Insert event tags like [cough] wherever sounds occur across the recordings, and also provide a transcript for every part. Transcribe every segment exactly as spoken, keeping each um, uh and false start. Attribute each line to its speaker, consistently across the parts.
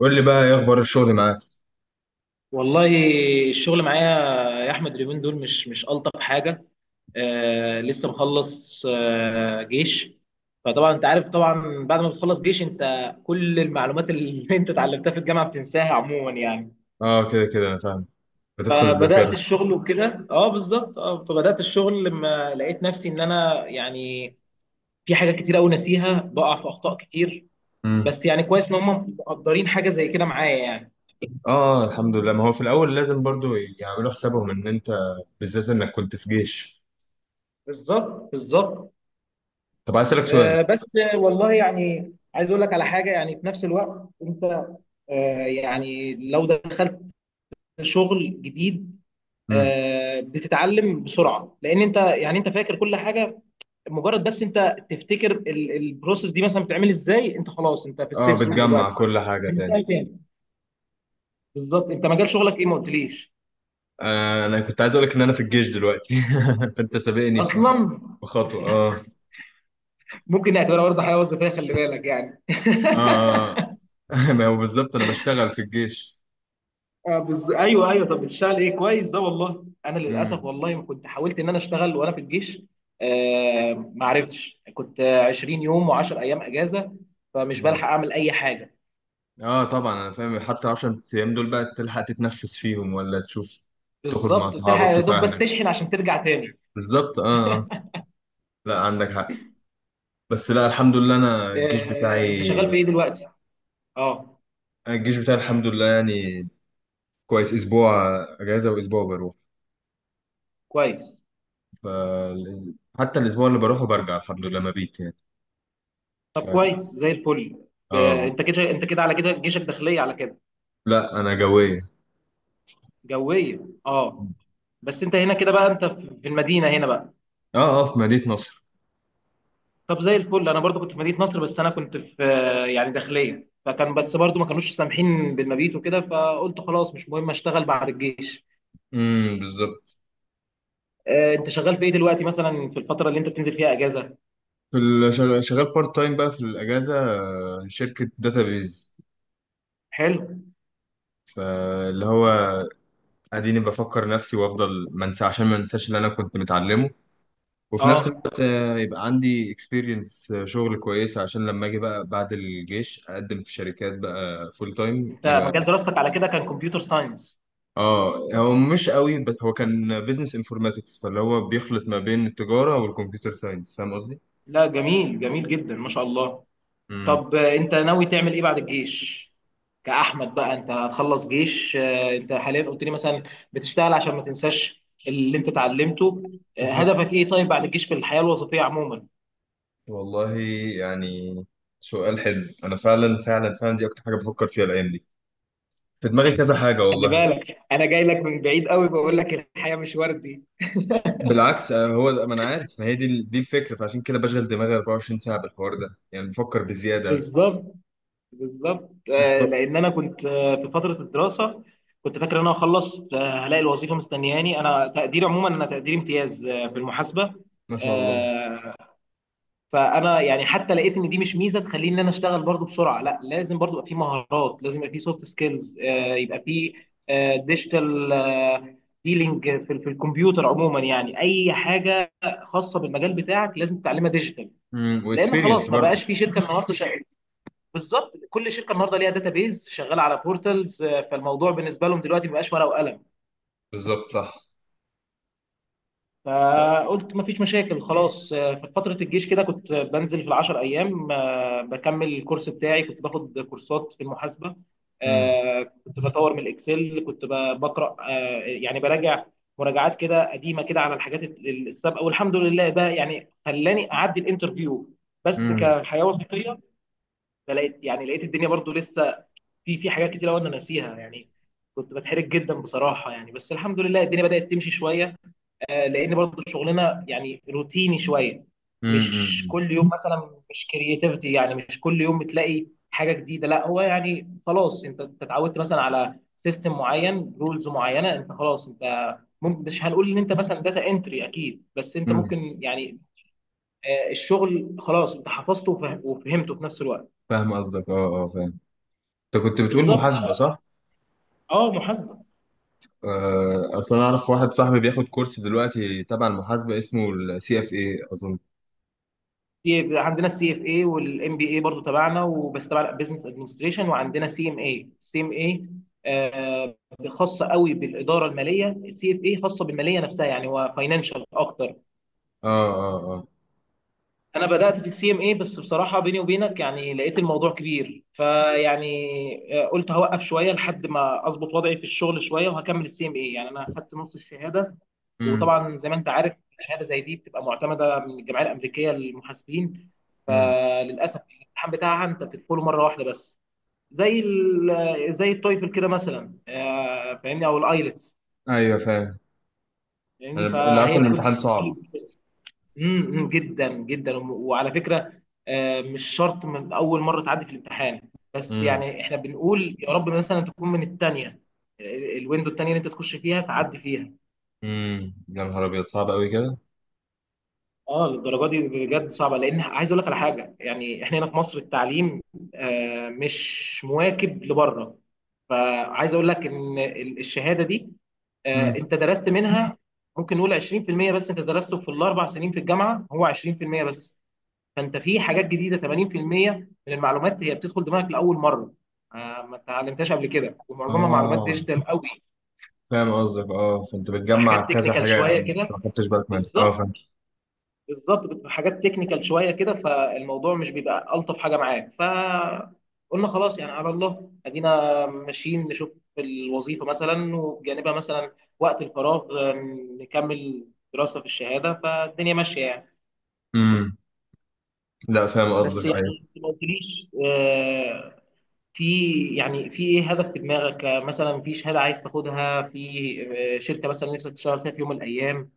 Speaker 1: قول لي بقى ايه اخبار الشغل معاك؟
Speaker 2: والله، الشغل معايا يا احمد. اليومين دول مش مش الطف حاجه. آه، لسه مخلص آه جيش. فطبعا انت عارف، طبعا بعد ما بتخلص جيش انت كل المعلومات اللي [laughs] انت اتعلمتها في الجامعه بتنساها عموما يعني.
Speaker 1: اه، كده كده انا فاهم. بتفقد
Speaker 2: فبدات
Speaker 1: الذاكره.
Speaker 2: الشغل وكده اه بالظبط اه فبدات الشغل لما لقيت نفسي ان انا يعني في حاجات كتير قوي ناسيها، بقع في اخطاء كتير.
Speaker 1: امم.
Speaker 2: بس يعني كويس ان هم مقدرين حاجه زي كده معايا يعني.
Speaker 1: اه، الحمد لله. ما هو في الاول لازم برضو يعملوا حسابهم ان انت بالذات انك كنت في جيش.
Speaker 2: بالظبط بالظبط.
Speaker 1: طب عايز اسالك سؤال.
Speaker 2: آه، بس والله يعني عايز اقول لك على حاجه، يعني في نفس الوقت انت آه، يعني لو دخلت شغل جديد.
Speaker 1: امم.
Speaker 2: آه، بتتعلم بسرعه، لان انت يعني انت فاكر كل حاجه. مجرد بس انت تفتكر ال- البروسيس دي مثلا بتعمل ازاي، انت خلاص انت في
Speaker 1: اه،
Speaker 2: السيف زون
Speaker 1: بتجمع
Speaker 2: دلوقتي
Speaker 1: كل حاجه
Speaker 2: من
Speaker 1: تاني.
Speaker 2: سنه تاني. بالظبط، انت مجال شغلك ايه؟ ما قلتليش
Speaker 1: آه، انا كنت عايز اقول لك ان انا في الجيش دلوقتي. [laughs] فانت سابقني ب-
Speaker 2: اصلا.
Speaker 1: بخطوه، اه.
Speaker 2: ممكن نعتبرها برضه حياه وظيفيه، خلي بالك يعني
Speaker 1: اه،
Speaker 2: [laughs]
Speaker 1: اه. [laughs] ما هو بالظبط انا بشتغل في الجيش.
Speaker 2: آه بز... ايوه ايوه، طب بتشتغل ايه؟ كويس ده. والله انا للاسف،
Speaker 1: امم،
Speaker 2: والله ما كنت حاولت ان انا اشتغل وانا في الجيش. آه ما عرفتش، كنت آه، 20 يوم و10 ايام اجازه، فمش
Speaker 1: أمم.
Speaker 2: بلحق اعمل اي حاجه.
Speaker 1: اه، طبعا انا فاهم. حتى عشرة ايام دول بقى تلحق تتنفس فيهم ولا تشوف تخرج مع
Speaker 2: بالظبط، بتلحق
Speaker 1: اصحابك
Speaker 2: يا
Speaker 1: تشوف
Speaker 2: دوب بس
Speaker 1: اهلك؟
Speaker 2: تشحن عشان ترجع تاني.
Speaker 1: بالظبط. اه، آه. لا، عندك حق. بس لا، الحمد لله انا الجيش
Speaker 2: آه انت
Speaker 1: بتاعي.
Speaker 2: شغال في ايه دلوقتي؟ اه.
Speaker 1: الجيش بتاعي الحمد لله يعني كويس، اسبوع اجازه واسبوع بروح.
Speaker 2: كويس.
Speaker 1: ف حتى الاسبوع اللي بروحه برجع الحمد لله، مبيت يعني. ف...
Speaker 2: طب كويس زي الفل. آه
Speaker 1: اه.
Speaker 2: انت كده، انت كده على كده جيشك داخليه على كده؟
Speaker 1: لا، انا جويه.
Speaker 2: جويه. اه. بس انت هنا كده بقى، انت في في المدينه هنا بقى.
Speaker 1: اه، اه، في مدينه نصر.
Speaker 2: طب زي الفل، انا برضو كنت في مدينه نصر، بس انا كنت في يعني داخليه، فكان بس برضو ما كانوش سامحين بالمبيت وكده، فقلت خلاص مش مهم، اشتغل بعد الجيش.
Speaker 1: امم، بالظبط.
Speaker 2: آه، انت شغال في ايه دلوقتي مثلا في الفتره اللي انت بتنزل فيها اجازه؟
Speaker 1: في ال- شغ- شغال بارت تايم بقى في الاجازه، آه، شركه داتابيز.
Speaker 2: حلو.
Speaker 1: فاللي هو اديني بفكر نفسي وافضل ما انسى عشان ما انساش اللي انا كنت متعلمه، وفي نفس
Speaker 2: اه،
Speaker 1: الوقت آه، يبقى عندي اكسبيرينس شغل كويسة عشان لما اجي بقى بعد الجيش اقدم في شركات بقى فول تايم
Speaker 2: انت مجال
Speaker 1: يبقى.
Speaker 2: دراستك على كده كان كمبيوتر ساينس؟
Speaker 1: اه هو مش قوي، بس هو كان بيزنس انفورماتكس فاللي هو بيخلط ما بين التجارة والكمبيوتر ساينس. فاهم قصدي؟
Speaker 2: لا، جميل جميل جدا ما شاء الله.
Speaker 1: امم،
Speaker 2: طب انت ناوي تعمل ايه بعد الجيش؟ كأحمد بقى انت هتخلص جيش. آه، انت حاليا قلت لي مثلا بتشتغل عشان ما تنساش اللي انت اتعلمته. آه،
Speaker 1: بالظبط.
Speaker 2: هدفك ايه طيب بعد الجيش في الحياة الوظيفية عموما؟
Speaker 1: والله يعني سؤال حلو. انا فعلا فعلا فعلا دي اكتر حاجة بفكر فيها الايام دي. في دماغي كذا حاجة
Speaker 2: خلي
Speaker 1: والله.
Speaker 2: بالك، انا جاي لك من بعيد قوي بقول لك الحياة مش وردي.
Speaker 1: بالعكس، آه، هو ده- ما انا عارف، ما هي دي دي الفكرة. فعشان كده بشغل دماغي اربعة وعشرين ساعة بالحوار ده يعني بفكر بزيادة.
Speaker 2: بالظبط بالظبط. آه،
Speaker 1: محتار.
Speaker 2: لان انا كنت آه، في فترة الدراسة كنت فاكر ان انا خلصت هلاقي الوظيفة مستنياني، انا تقديري عموما، انا تقديري امتياز آه، في المحاسبة.
Speaker 1: ما شاء الله.
Speaker 2: فانا يعني حتى لقيت ان دي مش ميزه تخليني ان انا اشتغل برضو بسرعه، لا لازم برضو يبقى في مهارات، لازم يبقى في سوفت سكيلز، يبقى في ديجيتال ديلينج في في الكمبيوتر عموما، يعني اي حاجه خاصه بالمجال بتاعك لازم تتعلمها ديجيتال.
Speaker 1: امم،
Speaker 2: لان
Speaker 1: واكسبيرينس
Speaker 2: خلاص ما
Speaker 1: برضه.
Speaker 2: بقاش في شركه النهارده شغاله. بالظبط، كل شركه النهارده ليها داتابيز شغاله على بورتالز، فالموضوع بالنسبه لهم دلوقتي ما بقاش ورقه وقلم.
Speaker 1: بالظبط صح.
Speaker 2: فقلت مفيش مشاكل خلاص. آه، في فترة الجيش كده كنت بنزل في العشر أيام، آه، بكمل الكورس بتاعي، كنت باخد كورسات في المحاسبة.
Speaker 1: امم،
Speaker 2: آه، كنت بطور من الإكسل، كنت ب- بقرأ، آه، يعني براجع مراجعات كده قديمة كده على الحاجات ال- السابقة، والحمد لله ده يعني خلاني أعدي الانترفيو بس
Speaker 1: امم،
Speaker 2: كحياة وظيفية. فلقيت، يعني لقيت الدنيا برضو لسه في في حاجات كتير أوي أنا ناسيها يعني، كنت بتحرج جدا بصراحة يعني، بس الحمد لله الدنيا بدأت تمشي شوية. آه، لان برضو شغلنا يعني روتيني شويه، مش
Speaker 1: امم،
Speaker 2: كل يوم مثلا، مش كرياتيفيتي يعني، مش كل يوم بتلاقي حاجه جديده، لا هو يعني خلاص انت أنت اتعودت مثلا على سيستم معين رولز معينه، انت خلاص انت ممكن، مش هنقول ان انت مثلا داتا انتري اكيد، بس انت
Speaker 1: امم.
Speaker 2: ممكن يعني آه، الشغل خلاص انت حفظته وفه- وفهمته في نفس الوقت.
Speaker 1: فاهم قصدك. اه، اه، فاهم. انت كنت بتقول
Speaker 2: بالظبط.
Speaker 1: محاسبه، صح؟
Speaker 2: اه محاسبه.
Speaker 1: آه، اصل انا اعرف واحد صاحبي بياخد كورس دلوقتي تبع المحاسبه اسمه السي اف اي اظن.
Speaker 2: في عندنا السي اف اي والام بي اي برضو تبعنا، وبس تبع بزنس ادمنستريشن، وعندنا سي ام اي سي ام اي خاصه قوي بالاداره الماليه، السي اف اي خاصه بالماليه نفسها يعني، هو فاينانشال اكتر.
Speaker 1: اه، اه، اه.
Speaker 2: انا بدات في السي ام اي بس بصراحه بيني وبينك يعني لقيت الموضوع كبير، فيعني آه، قلت هوقف شويه لحد ما اظبط وضعي في الشغل شويه وهكمل السي ام اي، يعني انا خدت نص الشهاده.
Speaker 1: امم،
Speaker 2: وطبعا زي ما انت عارف، شهاده زي دي بتبقى معتمده من الجمعيه الامريكيه للمحاسبين،
Speaker 1: امم.
Speaker 2: فللاسف الامتحان بتاعها انت بتدخله مره واحده بس، زي ال- آه، زي التويفل كده مثلا، آه، فاهمني، او الايلتس.
Speaker 1: ايوه فاهم. انا
Speaker 2: فاهمني،
Speaker 1: اللي عارفه
Speaker 2: فهي
Speaker 1: ان
Speaker 2: كل،
Speaker 1: الامتحان صعب.
Speaker 2: كل امم امم، جدا جدا. وعلى فكره، آه، مش شرط من اول مره تعدي في الامتحان، بس
Speaker 1: امم،
Speaker 2: يعني احنا بنقول يا رب مثلا تكون من الثانيه، الويندو الثانيه اللي انت تخش فيها تعدي فيها.
Speaker 1: امم، يا نهار ابيض صعب قوي كده.
Speaker 2: اه، للدرجه دي بجد صعبه، لان عايز اقول لك على حاجه يعني، احنا هنا في مصر التعليم آه، مش مواكب لبره. فعايز اقول لك ان ال- الشهاده دي آه،
Speaker 1: امم.
Speaker 2: انت درست منها ممكن نقول عشرين في المية بس، انت درسته في الاربع سنين في الجامعه هو عشرين في المية بس. فانت في حاجات جديده ثمانين في المية من المعلومات هي بتدخل دماغك لاول مره، آه، ما اتعلمتهاش قبل كده، ومعظمها معلومات
Speaker 1: اه،
Speaker 2: ديجيتال قوي.
Speaker 1: فاهم قصدك. اه، فانت بتجمع
Speaker 2: حاجات
Speaker 1: كذا
Speaker 2: تكنيكال
Speaker 1: حاجه
Speaker 2: شويه
Speaker 1: يعني
Speaker 2: كده.
Speaker 1: ما خدتش بالك منها. اه،
Speaker 2: بالظبط
Speaker 1: فاهم.
Speaker 2: بالظبط، بتبقى حاجات تكنيكال شويه كده، فالموضوع مش بيبقى الطف حاجه معاك، فقلنا خلاص يعني على الله ادينا ماشيين نشوف الوظيفه مثلا، وبجانبها مثلا وقت الفراغ آه، نكمل دراسه في الشهاده، فالدنيا ماشيه يعني.
Speaker 1: امم. لا، فاهم
Speaker 2: بس
Speaker 1: قصدك.
Speaker 2: يعني
Speaker 1: أيوة.
Speaker 2: انت ما قلتليش، آه، في يعني في ايه هدف في دماغك، آه، مثلا في شهاده عايز تاخدها في آه، شركه مثلا نفسك تشتغل فيها في يوم من الايام؟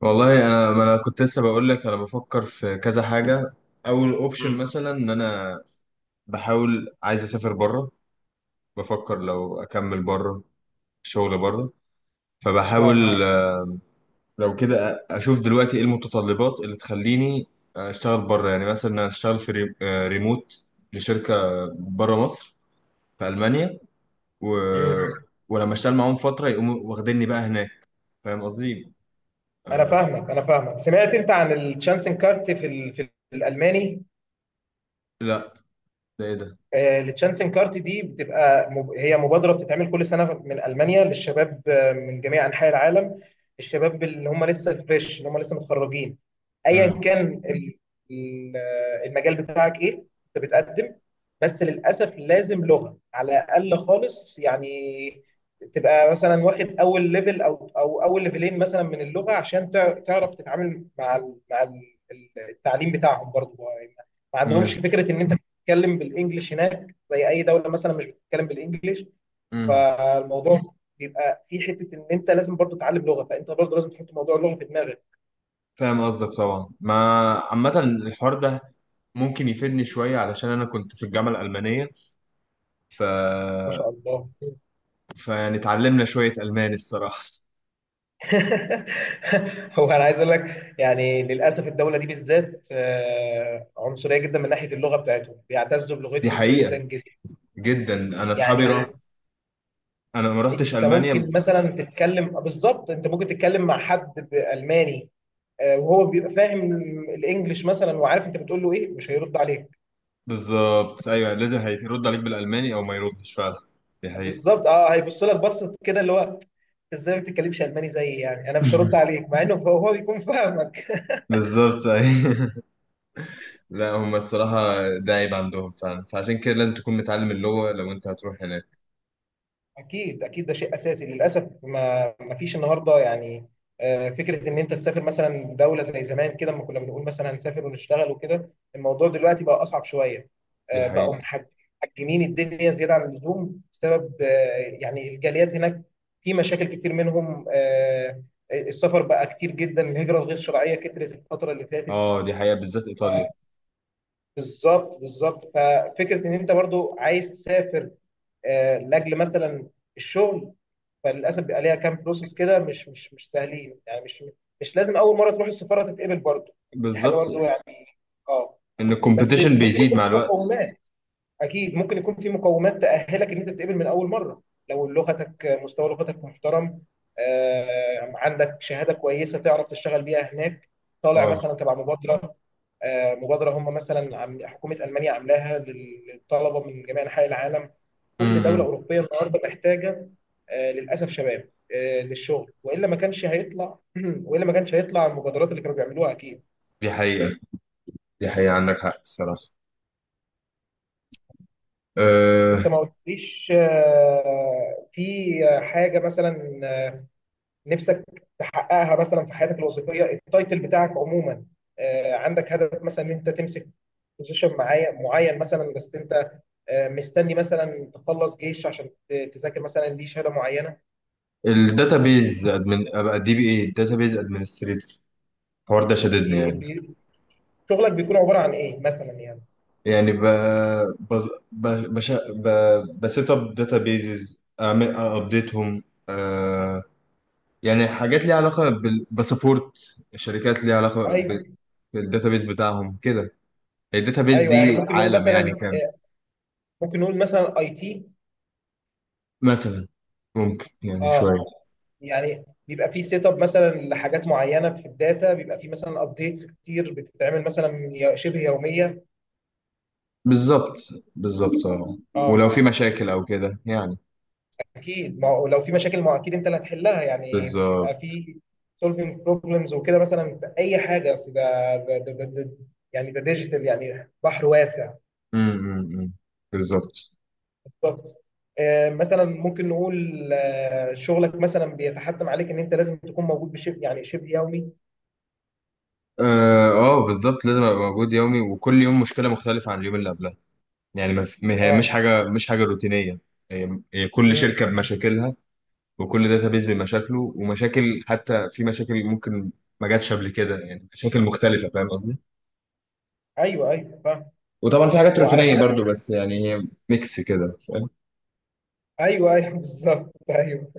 Speaker 1: والله انا، ما انا كنت لسه بقول لك انا بفكر في كذا حاجه. اول اوبشن
Speaker 2: امم.
Speaker 1: مثلا ان انا بحاول، عايز اسافر بره. بفكر لو اكمل بره، شغل بره.
Speaker 2: اه.
Speaker 1: فبحاول اه آه، لو كده أ- اشوف دلوقتي ايه المتطلبات اللي تخليني اشتغل بره. يعني مثلا انا اشتغل في ري- آه، ريموت لشركه بره مصر، في المانيا و...
Speaker 2: امم.
Speaker 1: ولما اشتغل معاهم فتره يقوموا واخديني بقى هناك. فاهم قصدي؟
Speaker 2: انا
Speaker 1: آه،
Speaker 2: فاهمك انا فاهمك، سمعت انت عن الشانسن كارت في ال- في الالماني؟
Speaker 1: لا، ده ايه ده؟
Speaker 2: التشانسن كارت دي بتبقى مب- هي مبادره بتتعمل كل سنه من المانيا للشباب آه، من جميع انحاء العالم، الشباب اللي هم لسه فريش، اللي هم لسه متخرجين. ايا
Speaker 1: امم.
Speaker 2: كان ال- ال- آه، المجال بتاعك ايه انت بتقدم. بس للاسف لازم لغه على الاقل، خالص يعني تبقى مثلا واخد اول ليفل او او اول ليفلين مثلا من اللغه، عشان تع- تعرف تتعامل مع ال- مع ال- التعليم بتاعهم برضه. ما عندهمش فكره ان انت بتتكلم بالانجلش هناك، زي اي دوله مثلا مش بتتكلم بالانجلش.
Speaker 1: امم،
Speaker 2: فالموضوع بيبقى في حته ان انت لازم برضو تتعلم لغه، فانت برضو لازم تحط موضوع اللغه في دماغك.
Speaker 1: فاهم قصدك طبعا. ما عامة الحوار ده ممكن يفيدني شوية علشان أنا كنت في الجامعة الألمانية. ف...
Speaker 2: ما شاء الله.
Speaker 1: فيعني اتعلمنا شوية ألماني الصراحة.
Speaker 2: [laughs] هو انا عايز اقول لك يعني للاسف الدوله دي بالذات آه، عنصريه جدا من ناحيه اللغه بتاعتهم، بيعتزوا
Speaker 1: دي
Speaker 2: بلغتهم جدا
Speaker 1: حقيقة
Speaker 2: جدا
Speaker 1: جدا. أنا أصحابي راح، آه.
Speaker 2: يعني.
Speaker 1: أنا ما رحتش
Speaker 2: انت ممكن
Speaker 1: ألمانيا.
Speaker 2: مثلا تتكلم، بالظبط انت ممكن تتكلم مع حد بالماني آه، وهو بيبقى فاهم الانجليش مثلا، وعارف انت بتقول له ايه، مش هيرد عليك.
Speaker 1: بالظبط أيوه، لازم هيرد عليك بالألماني أو ما يردش فعلا. دي حقيقة.
Speaker 2: بالظبط اه، هيبص لك بصه كده اللي هو "أنت ازاي ما بتتكلمش الماني زيي، يعني انا مش هرد
Speaker 1: [laughs]
Speaker 2: عليك"، مع انه هو هو بيكون فاهمك.
Speaker 1: بالظبط أيوه. لا، هم الصراحة ده عيب عندهم فعلا، فعشان كده لازم تكون متعلم اللغة لو أنت هتروح هناك.
Speaker 2: اكيد اكيد ده شيء اساسي، للاسف ما ما فيش النهارده يعني آه، فكره ان انت تسافر مثلا دوله زي زمان كده، لما كنا بنقول مثلا هنسافر ونشتغل وكده، الموضوع دلوقتي بقى اصعب شويه.
Speaker 1: دي
Speaker 2: آه، بقوا
Speaker 1: حقيقة.
Speaker 2: محج- محجمين الدنيا زياده عن اللزوم بسبب آه، يعني الجاليات هناك، في مشاكل كتير منهم آه، السفر بقى كتير جدا، الهجره الغير شرعيه كترت الفتره اللي فاتت.
Speaker 1: اه، دي حقيقة بالذات إيطاليا.
Speaker 2: بالظبط بالظبط، ففكره ان انت برضو عايز تسافر آه، لاجل مثلا الشغل، فللاسف بيبقى ليها كام بروسس كده، مش مش مش سهلين يعني، مش، مش لازم اول مره تروح السفاره تتقبل برضو، دي حاجه
Speaker 1: بالظبط،
Speaker 2: برضو يعني. اه.
Speaker 1: ان
Speaker 2: بس
Speaker 1: الكومبيتيشن
Speaker 2: ممكن
Speaker 1: بيزيد
Speaker 2: يكون
Speaker 1: مع
Speaker 2: في
Speaker 1: الوقت.
Speaker 2: مقومات، اكيد ممكن يكون في مقومات تاهلك ان انت تتقبل من اول مره، لو لغتك مستوى لغتك محترم، آه، عندك شهاده كويسه تعرف تشتغل بيها هناك. طالع
Speaker 1: اه.
Speaker 2: مثلا تبع مبادره، آه، مبادره هم مثلا عم- حكومه المانيا عاملاها لل- للطلبه من جميع انحاء العالم. كل دوله
Speaker 1: امم.
Speaker 2: اوروبيه النهارده محتاجه آه، للاسف شباب آه، للشغل، والا ما كانش هيطلع [clears throat] والا ما كانش هيطلع المبادرات اللي كانوا بيعملوها اكيد.
Speaker 1: دي حقيقة. دي حقيقة، عندك حق الصراحة.
Speaker 2: انت
Speaker 1: أه.
Speaker 2: ما قلتليش، آه، في حاجه مثلا نفسك تحققها مثلا في حياتك الوظيفيه، التايتل بتاعك عموما آه، عندك هدف مثلا ان انت تمسك بوزيشن معين معين مثلا، بس انت آه، مستني مثلا تخلص جيش عشان ت- تذاكر مثلا ليه شهاده معينه؟
Speaker 1: الداتابيز ادمن، ابقى دي بي اي، الداتابيز ادمنستريتور. الحوار ده
Speaker 2: إيه-
Speaker 1: شددني
Speaker 2: إيه،
Speaker 1: يعني.
Speaker 2: بي- شغلك بيكون عباره عن ايه مثلا يعني؟
Speaker 1: يعني ب بز- ب بش ب بسيت اب داتابيزز اعمل ابديتهم، أه. يعني حاجات ليها علاقة بال بسبورت، شركات ليها علاقة بال-
Speaker 2: ايوه
Speaker 1: بالداتابيز بتاعهم كده. الداتابيز
Speaker 2: ايوه، يعني
Speaker 1: دي
Speaker 2: ممكن نقول
Speaker 1: عالم يعني
Speaker 2: مثلا
Speaker 1: كامل.
Speaker 2: آه، ممكن نقول مثلا اي تي.
Speaker 1: مثلا ممكن، يعني
Speaker 2: اه.
Speaker 1: شوية.
Speaker 2: يعني بيبقى في سيت اب مثلا لحاجات معينه في الداتا، بيبقى في مثلا ابديتس كتير بتتعمل مثلا يو- شبه يوميه.
Speaker 1: بالظبط، بالظبط، اه. ولو
Speaker 2: اه.
Speaker 1: في مشاكل او كده يعني.
Speaker 2: اكيد، ما هو لو في مشاكل ما هو اكيد انت اللي هتحلها يعني،
Speaker 1: بالظبط.
Speaker 2: بتبقى في سولفينج بروبلمز وكده مثلا في اي حاجه، اصل ده، ده ده ده ده- يعني ده ديجيتال يعني بحر واسع.
Speaker 1: امم، بالظبط.
Speaker 2: بالظبط. آه، مثلا ممكن نقول آه، شغلك مثلا بيتحتم عليك ان انت لازم تكون موجود بشبه، يعني شبه يومي.
Speaker 1: اه آه، بالظبط لازم ابقى موجود يومي، وكل يوم مشكله مختلفه عن اليوم اللي قبلها. يعني ما في- ما- هي مش
Speaker 2: اه.
Speaker 1: حاجه مش حاجه روتينيه. هي هي كل
Speaker 2: امم
Speaker 1: شركه
Speaker 2: أمم.
Speaker 1: بمشاكلها، وكل داتابيز بمشاكله. ومشاكل حتى، في مشاكل ممكن ما جاتش قبل كده يعني، مشاكل مختلفه. فاهم قصدي؟
Speaker 2: ايوه ايوه فاهم.
Speaker 1: وطبعا في حاجات
Speaker 2: وعلى
Speaker 1: روتينيه
Speaker 2: كده،
Speaker 1: برضو، بس يعني هي ميكس كده، فاهم.
Speaker 2: ايوه ايوه [laughs] بالظبط ايوه.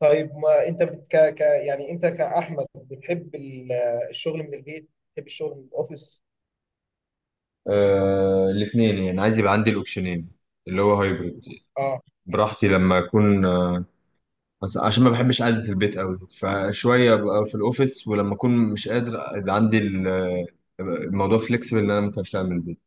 Speaker 2: طيب ما انت بت- ك ك يعني انت كاحمد بتحب ال- الشغل من البيت، بتحب الشغل من الاوفيس؟
Speaker 1: آه، الاثنين يعني، عايز يبقى عندي الاوبشنين، اللي هو هايبرد،
Speaker 2: اه.
Speaker 1: براحتي لما اكون. بس عشان ما بحبش قعدة البيت قوي فشوية ببقى في الاوفيس، ولما اكون مش قادر يبقى عندي ال- الموضوع فليكسبل ان انا ممكن اشتغل من البيت.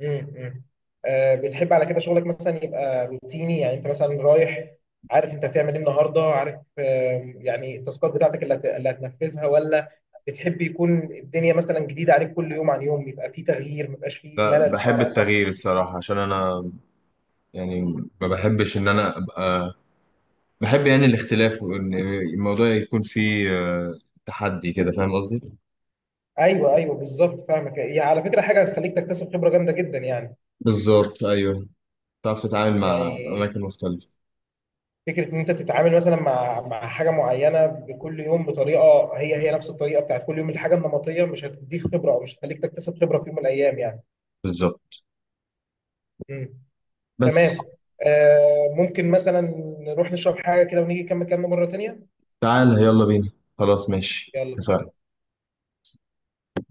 Speaker 2: امم. آه بتحب على كده شغلك مثلا يبقى روتيني، يعني انت مثلا رايح عارف انت هتعمل ايه النهارده، عارف آه يعني التاسكات بتاعتك اللي هت- اللي هتنفذها، ولا بتحب يكون الدنيا مثلا جديده عليك كل يوم عن يوم، يبقى في تغيير ما يبقاش في
Speaker 1: لا،
Speaker 2: ملل
Speaker 1: بحب
Speaker 2: بمعنى اصح؟
Speaker 1: التغيير الصراحة عشان انا يعني ما بحبش ان انا ابقى، بحب يعني الاختلاف وان الموضوع يكون فيه آه، تحدي كده. فاهم قصدي؟
Speaker 2: ايوه ايوه بالظبط فاهمك، هي على فكره حاجه هتخليك تكتسب خبره جامده جدا يعني،
Speaker 1: بالظبط ايوه، تعرف تتعامل مع
Speaker 2: يعني
Speaker 1: اماكن مختلفة.
Speaker 2: فكره ان انت تتعامل مثلا مع مع حاجه معينه بكل يوم بطريقه هي هي نفس الطريقه بتاعت كل يوم، الحاجه النمطيه مش هتديك خبره او مش هتخليك تكتسب خبره في يوم من الايام يعني.
Speaker 1: بالظبط
Speaker 2: مم.
Speaker 1: بس
Speaker 2: تمام. آه ممكن مثلا نروح نشرب حاجة كده ونيجي نكمل كلامنا مرة تانية.
Speaker 1: تعال يلا بينا. خلاص ماشي
Speaker 2: يلا.
Speaker 1: اتفقنا.